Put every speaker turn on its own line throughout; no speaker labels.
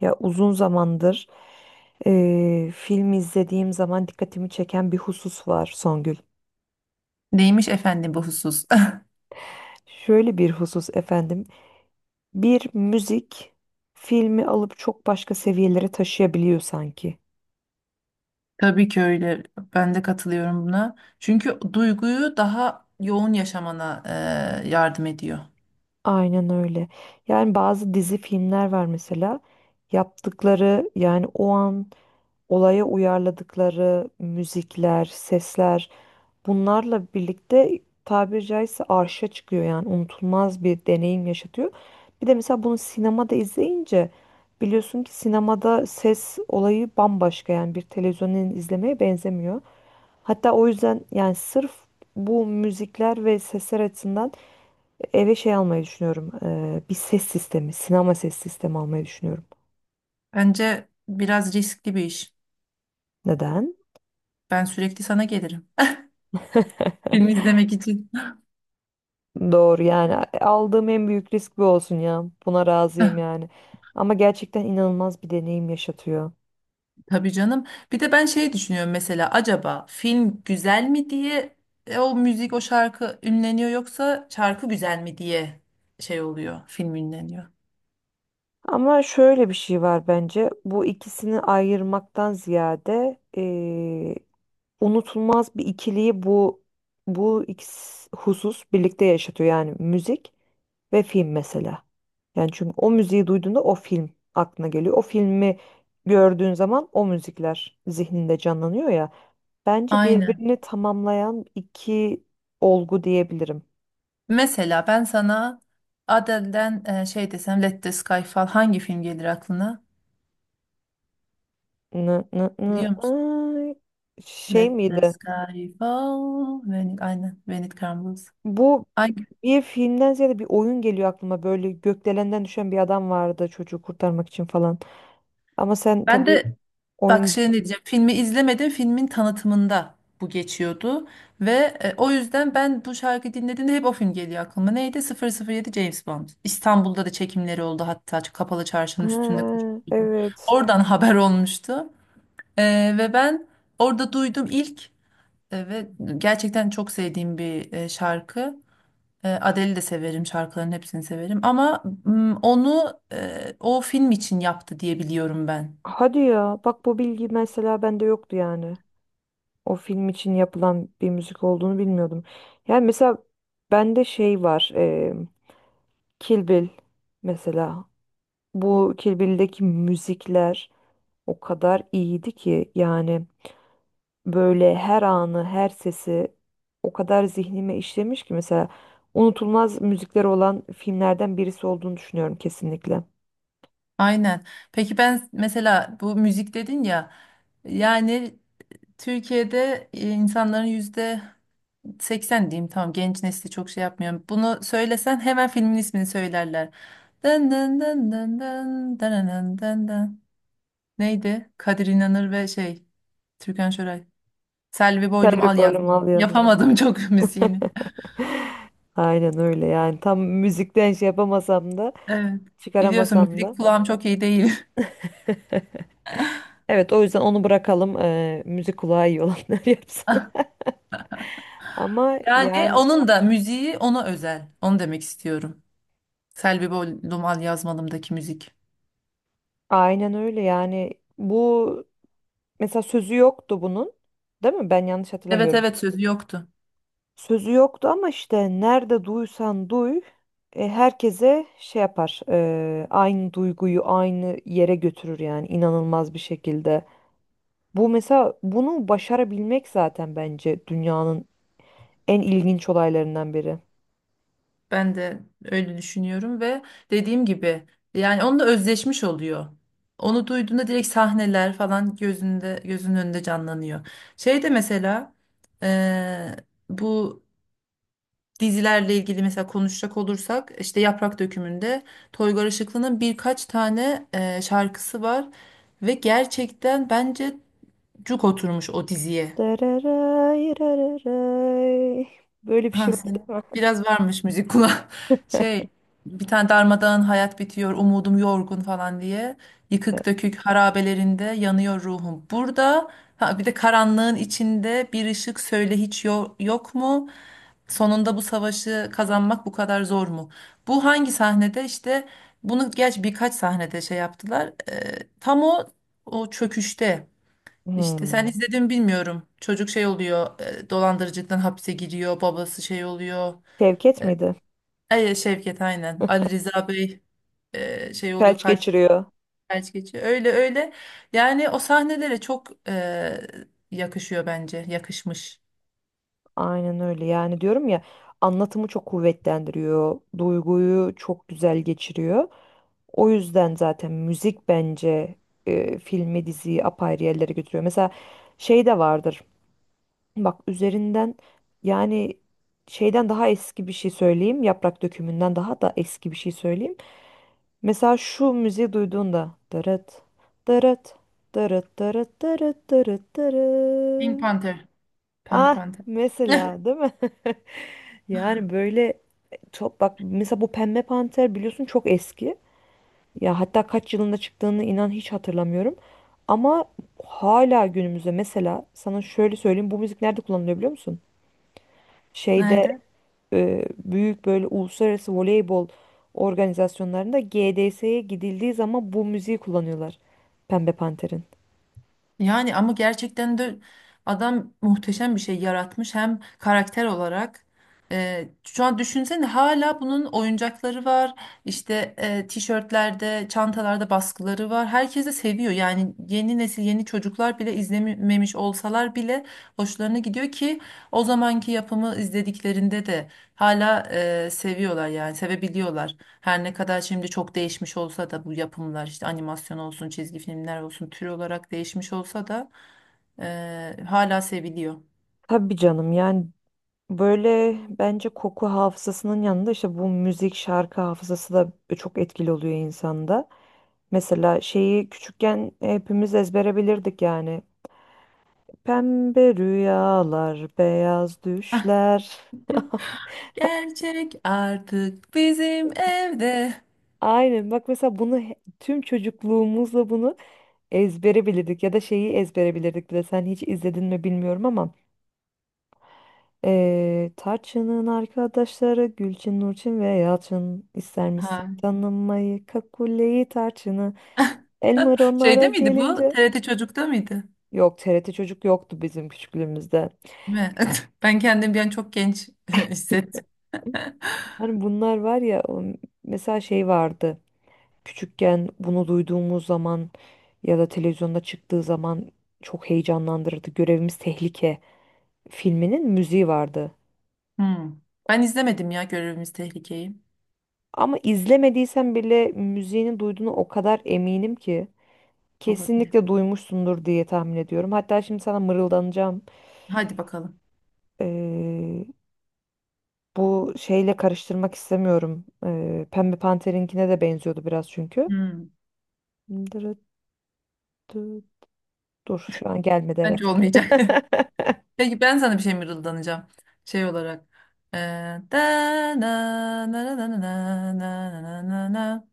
Ya uzun zamandır film izlediğim zaman dikkatimi çeken bir husus var Songül.
Neymiş efendim bu husus?
Şöyle bir husus efendim. Bir müzik filmi alıp çok başka seviyelere taşıyabiliyor sanki.
Tabii ki öyle. Ben de katılıyorum buna. Çünkü duyguyu daha yoğun yaşamana yardım ediyor.
Aynen öyle. Yani bazı dizi filmler var mesela. Yaptıkları yani o an olaya uyarladıkları müzikler, sesler bunlarla birlikte tabiri caizse arşa çıkıyor yani unutulmaz bir deneyim yaşatıyor. Bir de mesela bunu sinemada izleyince biliyorsun ki sinemada ses olayı bambaşka yani bir televizyonun izlemeye benzemiyor. Hatta o yüzden yani sırf bu müzikler ve sesler açısından eve şey almayı düşünüyorum. Bir ses sistemi, sinema ses sistemi almayı düşünüyorum.
Bence biraz riskli bir iş.
Neden?
Ben sürekli sana gelirim. Film izlemek için.
Doğru yani aldığım en büyük risk bu olsun ya. Buna razıyım yani. Ama gerçekten inanılmaz bir deneyim yaşatıyor.
Tabii canım. Bir de ben şey düşünüyorum mesela acaba film güzel mi diye o müzik o şarkı ünleniyor yoksa şarkı güzel mi diye şey oluyor film ünleniyor.
Ama şöyle bir şey var bence. Bu ikisini ayırmaktan ziyade unutulmaz bir ikiliyi bu ikisi husus birlikte yaşatıyor yani müzik ve film mesela. Yani çünkü o müziği duyduğunda o film aklına geliyor. O filmi gördüğün zaman o müzikler zihninde canlanıyor ya. Bence
Aynen.
birbirini tamamlayan iki olgu diyebilirim.
Mesela ben sana Adele'den şey desem Let the Sky Fall hangi film gelir aklına?
Nı, nı,
Biliyor
nı,
musun?
ay. Şey
Let the
miydi?
Sky Fall. When it, aynen. When it Crumbles.
Bu
Hangi?
bir filmden ziyade bir oyun geliyor aklıma. Böyle gökdelenden düşen bir adam vardı çocuğu kurtarmak için falan. Ama sen
Ben
tabii
de bak
oyun...
şey ne diyeceğim. Filmi izlemedim. Filmin tanıtımında bu geçiyordu. Ve O yüzden ben bu şarkıyı dinlediğimde hep o film geliyor aklıma. Neydi? Sıfır sıfır yedi James Bond. İstanbul'da da çekimleri oldu. Hatta kapalı çarşının üstünde
Ha,
koşuyordu.
evet.
Oradan haber olmuştu. Ve ben orada duydum ilk. Evet, gerçekten çok sevdiğim bir şarkı. Adele'i de severim, şarkıların hepsini severim. Ama onu o film için yaptı diye biliyorum ben.
Hadi ya. Bak bu bilgi mesela bende yoktu yani. O film için yapılan bir müzik olduğunu bilmiyordum. Yani mesela bende şey var. Kill Bill mesela. Bu Kill Bill'deki müzikler o kadar iyiydi ki yani böyle her anı, her sesi o kadar zihnime işlemiş ki mesela unutulmaz müzikleri olan filmlerden birisi olduğunu düşünüyorum kesinlikle.
Aynen. Peki ben mesela bu müzik dedin ya, yani Türkiye'de insanların yüzde 80 diyeyim, tamam, genç nesli çok şey yapmıyor. Bunu söylesen hemen filmin ismini söylerler. Dın dın dın dın dın dın dın dın dın. Neydi? Kadir İnanır ve şey Türkan Şoray. Selvi
Tel
Boylum
bir
Al
bölüm
Yazdım.
al yazmalı.
Yapamadım çok müziğini.
Aynen öyle yani tam müzikten şey yapamasam da
Evet. Biliyorsun
çıkaramasam
müzik
da.
kulağım çok iyi değil.
Evet, o yüzden onu bırakalım, müzik kulağı iyi olanlar yapsın. Ama
Yani
yani
onun da müziği ona özel. Onu demek istiyorum. Selvi Boylum Al Yazmalımdaki müzik.
aynen öyle yani bu mesela sözü yoktu bunun, değil mi? Ben yanlış
Evet,
hatırlamıyorum.
evet, sözü yoktu.
Sözü yoktu ama işte nerede duysan duy, herkese şey yapar, aynı duyguyu aynı yere götürür yani inanılmaz bir şekilde. Bu mesela bunu başarabilmek zaten bence dünyanın en ilginç olaylarından biri.
Ben de öyle düşünüyorum ve dediğim gibi yani onunla özleşmiş oluyor. Onu duyduğunda direkt sahneler falan gözünde gözünün önünde canlanıyor. Şey de mesela eee, bu dizilerle ilgili mesela konuşacak olursak işte Yaprak Dökümü'nde Toygar Işıklı'nın birkaç tane şarkısı var ve gerçekten bence cuk oturmuş o diziye.
Dararay, rararay. Böyle bir
Ha,
şey var
senin
değil mi?
biraz varmış müzik kulağı. Şey, bir tane darmadağın hayat bitiyor umudum yorgun falan diye. Yıkık dökük harabelerinde yanıyor ruhum. Burada ha, bir de karanlığın içinde bir ışık söyle hiç yok mu? Sonunda bu savaşı kazanmak bu kadar zor mu? Bu hangi sahnede işte bunu geç birkaç sahnede şey yaptılar. Tam o çöküşte. İşte sen
Hmm.
izledin mi bilmiyorum. Çocuk şey oluyor, dolandırıcılıktan hapse giriyor, babası şey oluyor.
Şevket miydi?
Ay Şevket, aynen. Ali Rıza Bey şey oluyor,
Felç
kalp
geçiriyor.
felç geçiyor. Öyle öyle. Yani o sahnelere çok yakışıyor bence. Yakışmış.
Aynen öyle. Yani diyorum ya anlatımı çok kuvvetlendiriyor. Duyguyu çok güzel geçiriyor. O yüzden zaten müzik bence filmi diziyi apayrı yerlere götürüyor. Mesela şey de vardır. Bak üzerinden yani şeyden daha eski bir şey söyleyeyim. Yaprak dökümünden daha da eski bir şey söyleyeyim. Mesela şu müziği duyduğunda dırıt dırıt dırıt dırıt dırıt dırıt
Pink
dırıt.
Panther. Pembe
Ah,
Panther.
mesela değil mi? Yani böyle çok bak mesela bu Pembe Panter biliyorsun çok eski. Ya hatta kaç yılında çıktığını inan hiç hatırlamıyorum. Ama hala günümüzde mesela sana şöyle söyleyeyim, bu müzik nerede kullanılıyor biliyor musun? Şeyde,
Nerede?
büyük böyle uluslararası voleybol organizasyonlarında GDS'ye gidildiği zaman bu müziği kullanıyorlar. Pembe Panter'in.
Yani ama gerçekten de adam muhteşem bir şey yaratmış hem karakter olarak. Şu an düşünsene hala bunun oyuncakları var. İşte tişörtlerde, çantalarda baskıları var. Herkes de seviyor. Yani yeni nesil, yeni çocuklar bile izlememiş olsalar bile hoşlarına gidiyor ki o zamanki yapımı izlediklerinde de hala seviyorlar yani sevebiliyorlar. Her ne kadar şimdi çok değişmiş olsa da bu yapımlar işte animasyon olsun, çizgi filmler olsun tür olarak değişmiş olsa da hala seviliyor.
Tabii canım yani böyle bence koku hafızasının yanında işte bu müzik şarkı hafızası da çok etkili oluyor insanda. Mesela şeyi küçükken hepimiz ezbere bilirdik yani. Pembe rüyalar, beyaz
Ah,
düşler.
gerçek artık bizim evde.
Aynen, bak mesela bunu tüm çocukluğumuzla bunu ezbere bilirdik. Ya da şeyi ezbere bilirdik bile. Sen hiç izledin mi bilmiyorum ama Tarçın'ın arkadaşları Gülçin, Nurçin ve Yalçın, ister misin
Ha.
tanımayı, Kakule'yi, Tarçın'ı? Elmer onlara
Şeyde miydi bu?
gelince,
TRT Çocuk'ta mıydı?
yok, TRT Çocuk yoktu bizim küçüklüğümüzde.
Mi? Ben kendim bir an çok genç hissettim.
Hani bunlar var ya, mesela şey vardı. Küçükken bunu duyduğumuz zaman ya da televizyonda çıktığı zaman çok heyecanlandırırdı. Görevimiz Tehlike filminin müziği vardı.
Hmm. Ben izlemedim ya Görevimiz Tehlike'yi.
Ama izlemediysen bile müziğini duyduğunu o kadar eminim ki
Olabilir.
kesinlikle duymuşsundur diye tahmin ediyorum. Hatta şimdi sana mırıldanacağım.
Hadi bakalım.
Ee, Bu şeyle karıştırmak istemiyorum. Pembe Panter'inkine de benziyordu biraz çünkü.
Hmm.
Dırıttı. Dur, şu an gelmedi,
Bence
evet.
olmayacak. Peki ben sana bir şey mırıldanacağım. Şey olarak. Ee, da na na na na na na na na na na.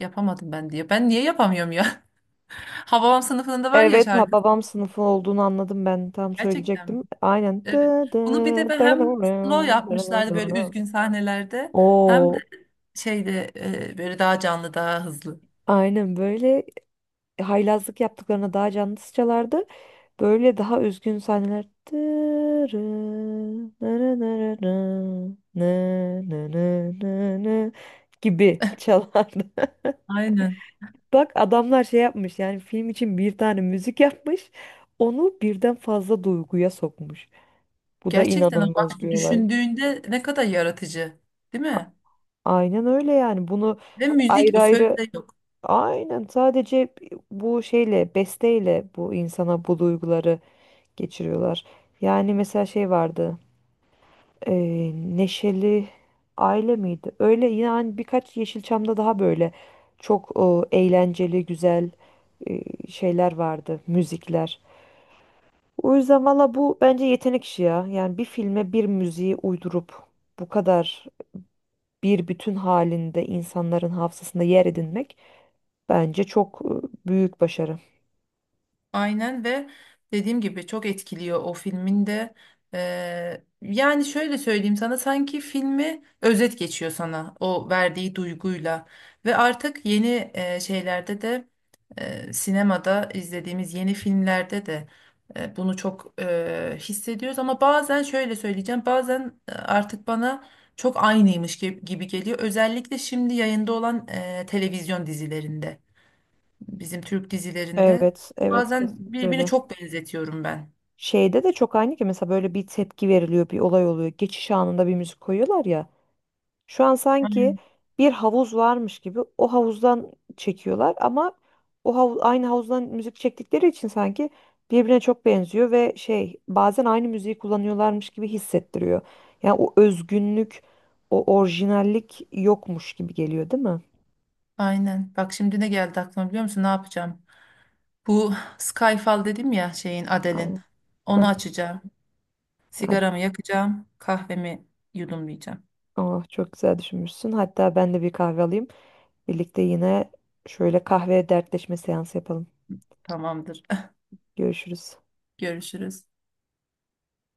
Yapamadım ben diye. Ben niye yapamıyorum ya? Hababam Sınıfında var ya
Evet, ba-
şarkı.
babam sınıfı olduğunu anladım, ben tam
Gerçekten mi?
söyleyecektim. Aynen.
Evet. Bunu bir de hem slow yapmışlardı böyle üzgün sahnelerde. Hem de
O
şeyde böyle daha canlı daha hızlı.
aynen böyle. Haylazlık yaptıklarına daha canlısı çalardı. Böyle daha üzgün sahneler. Dırı, nırı nırı nı, nı nı nı nı nı gibi çalardı.
Aynen.
Bak adamlar şey yapmış yani, film için bir tane müzik yapmış. Onu birden fazla duyguya sokmuş. Bu da
Gerçekten
inanılmaz
bak
bir olay.
düşündüğünde ne kadar yaratıcı. Değil mi?
Aynen öyle yani. Bunu
Ve müzik
ayrı
bu
ayrı,
sözde yok.
aynen, sadece bu şeyle, besteyle, bu insana bu duyguları geçiriyorlar. Yani mesela şey vardı. e, Neşeli Aile miydi? Öyle yani, birkaç Yeşilçam'da daha böyle çok eğlenceli, güzel e, şeyler vardı, müzikler. O yüzden valla bu bence yetenek işi ya. Yani bir filme bir müziği uydurup bu kadar bir bütün halinde insanların hafızasında yer edinmek bence çok büyük başarı.
Aynen ve dediğim gibi çok etkiliyor o filmin de. Yani şöyle söyleyeyim sana sanki filmi özet geçiyor sana o verdiği duyguyla. Ve artık yeni şeylerde de sinemada izlediğimiz yeni filmlerde de bunu çok hissediyoruz. Ama bazen şöyle söyleyeceğim bazen artık bana çok aynıymış gibi geliyor. Özellikle şimdi yayında olan televizyon dizilerinde bizim Türk dizilerinde.
Evet, evet,
Bazen
kesinlikle
birbirini
öyle.
çok benzetiyorum ben.
Şeyde de çok aynı ki mesela, böyle bir tepki veriliyor, bir olay oluyor. Geçiş anında bir müzik koyuyorlar ya. Şu an sanki bir havuz varmış gibi o havuzdan çekiyorlar ama aynı havuzdan müzik çektikleri için sanki birbirine çok benziyor ve şey, bazen aynı müziği kullanıyorlarmış gibi hissettiriyor. Yani o özgünlük, o orijinallik yokmuş gibi geliyor, değil mi?
Aynen. Bak şimdi ne geldi aklıma biliyor musun? Ne yapacağım? Bu Skyfall dedim ya şeyin Adele'in.
Aynen.
Onu
Heh,
açacağım.
hadi.
Sigaramı yakacağım. Kahvemi yudumlayacağım.
Oh, çok güzel düşünmüşsün. Hatta ben de bir kahve alayım. Birlikte yine şöyle kahve dertleşme seansı yapalım.
Tamamdır.
Görüşürüz.
Görüşürüz.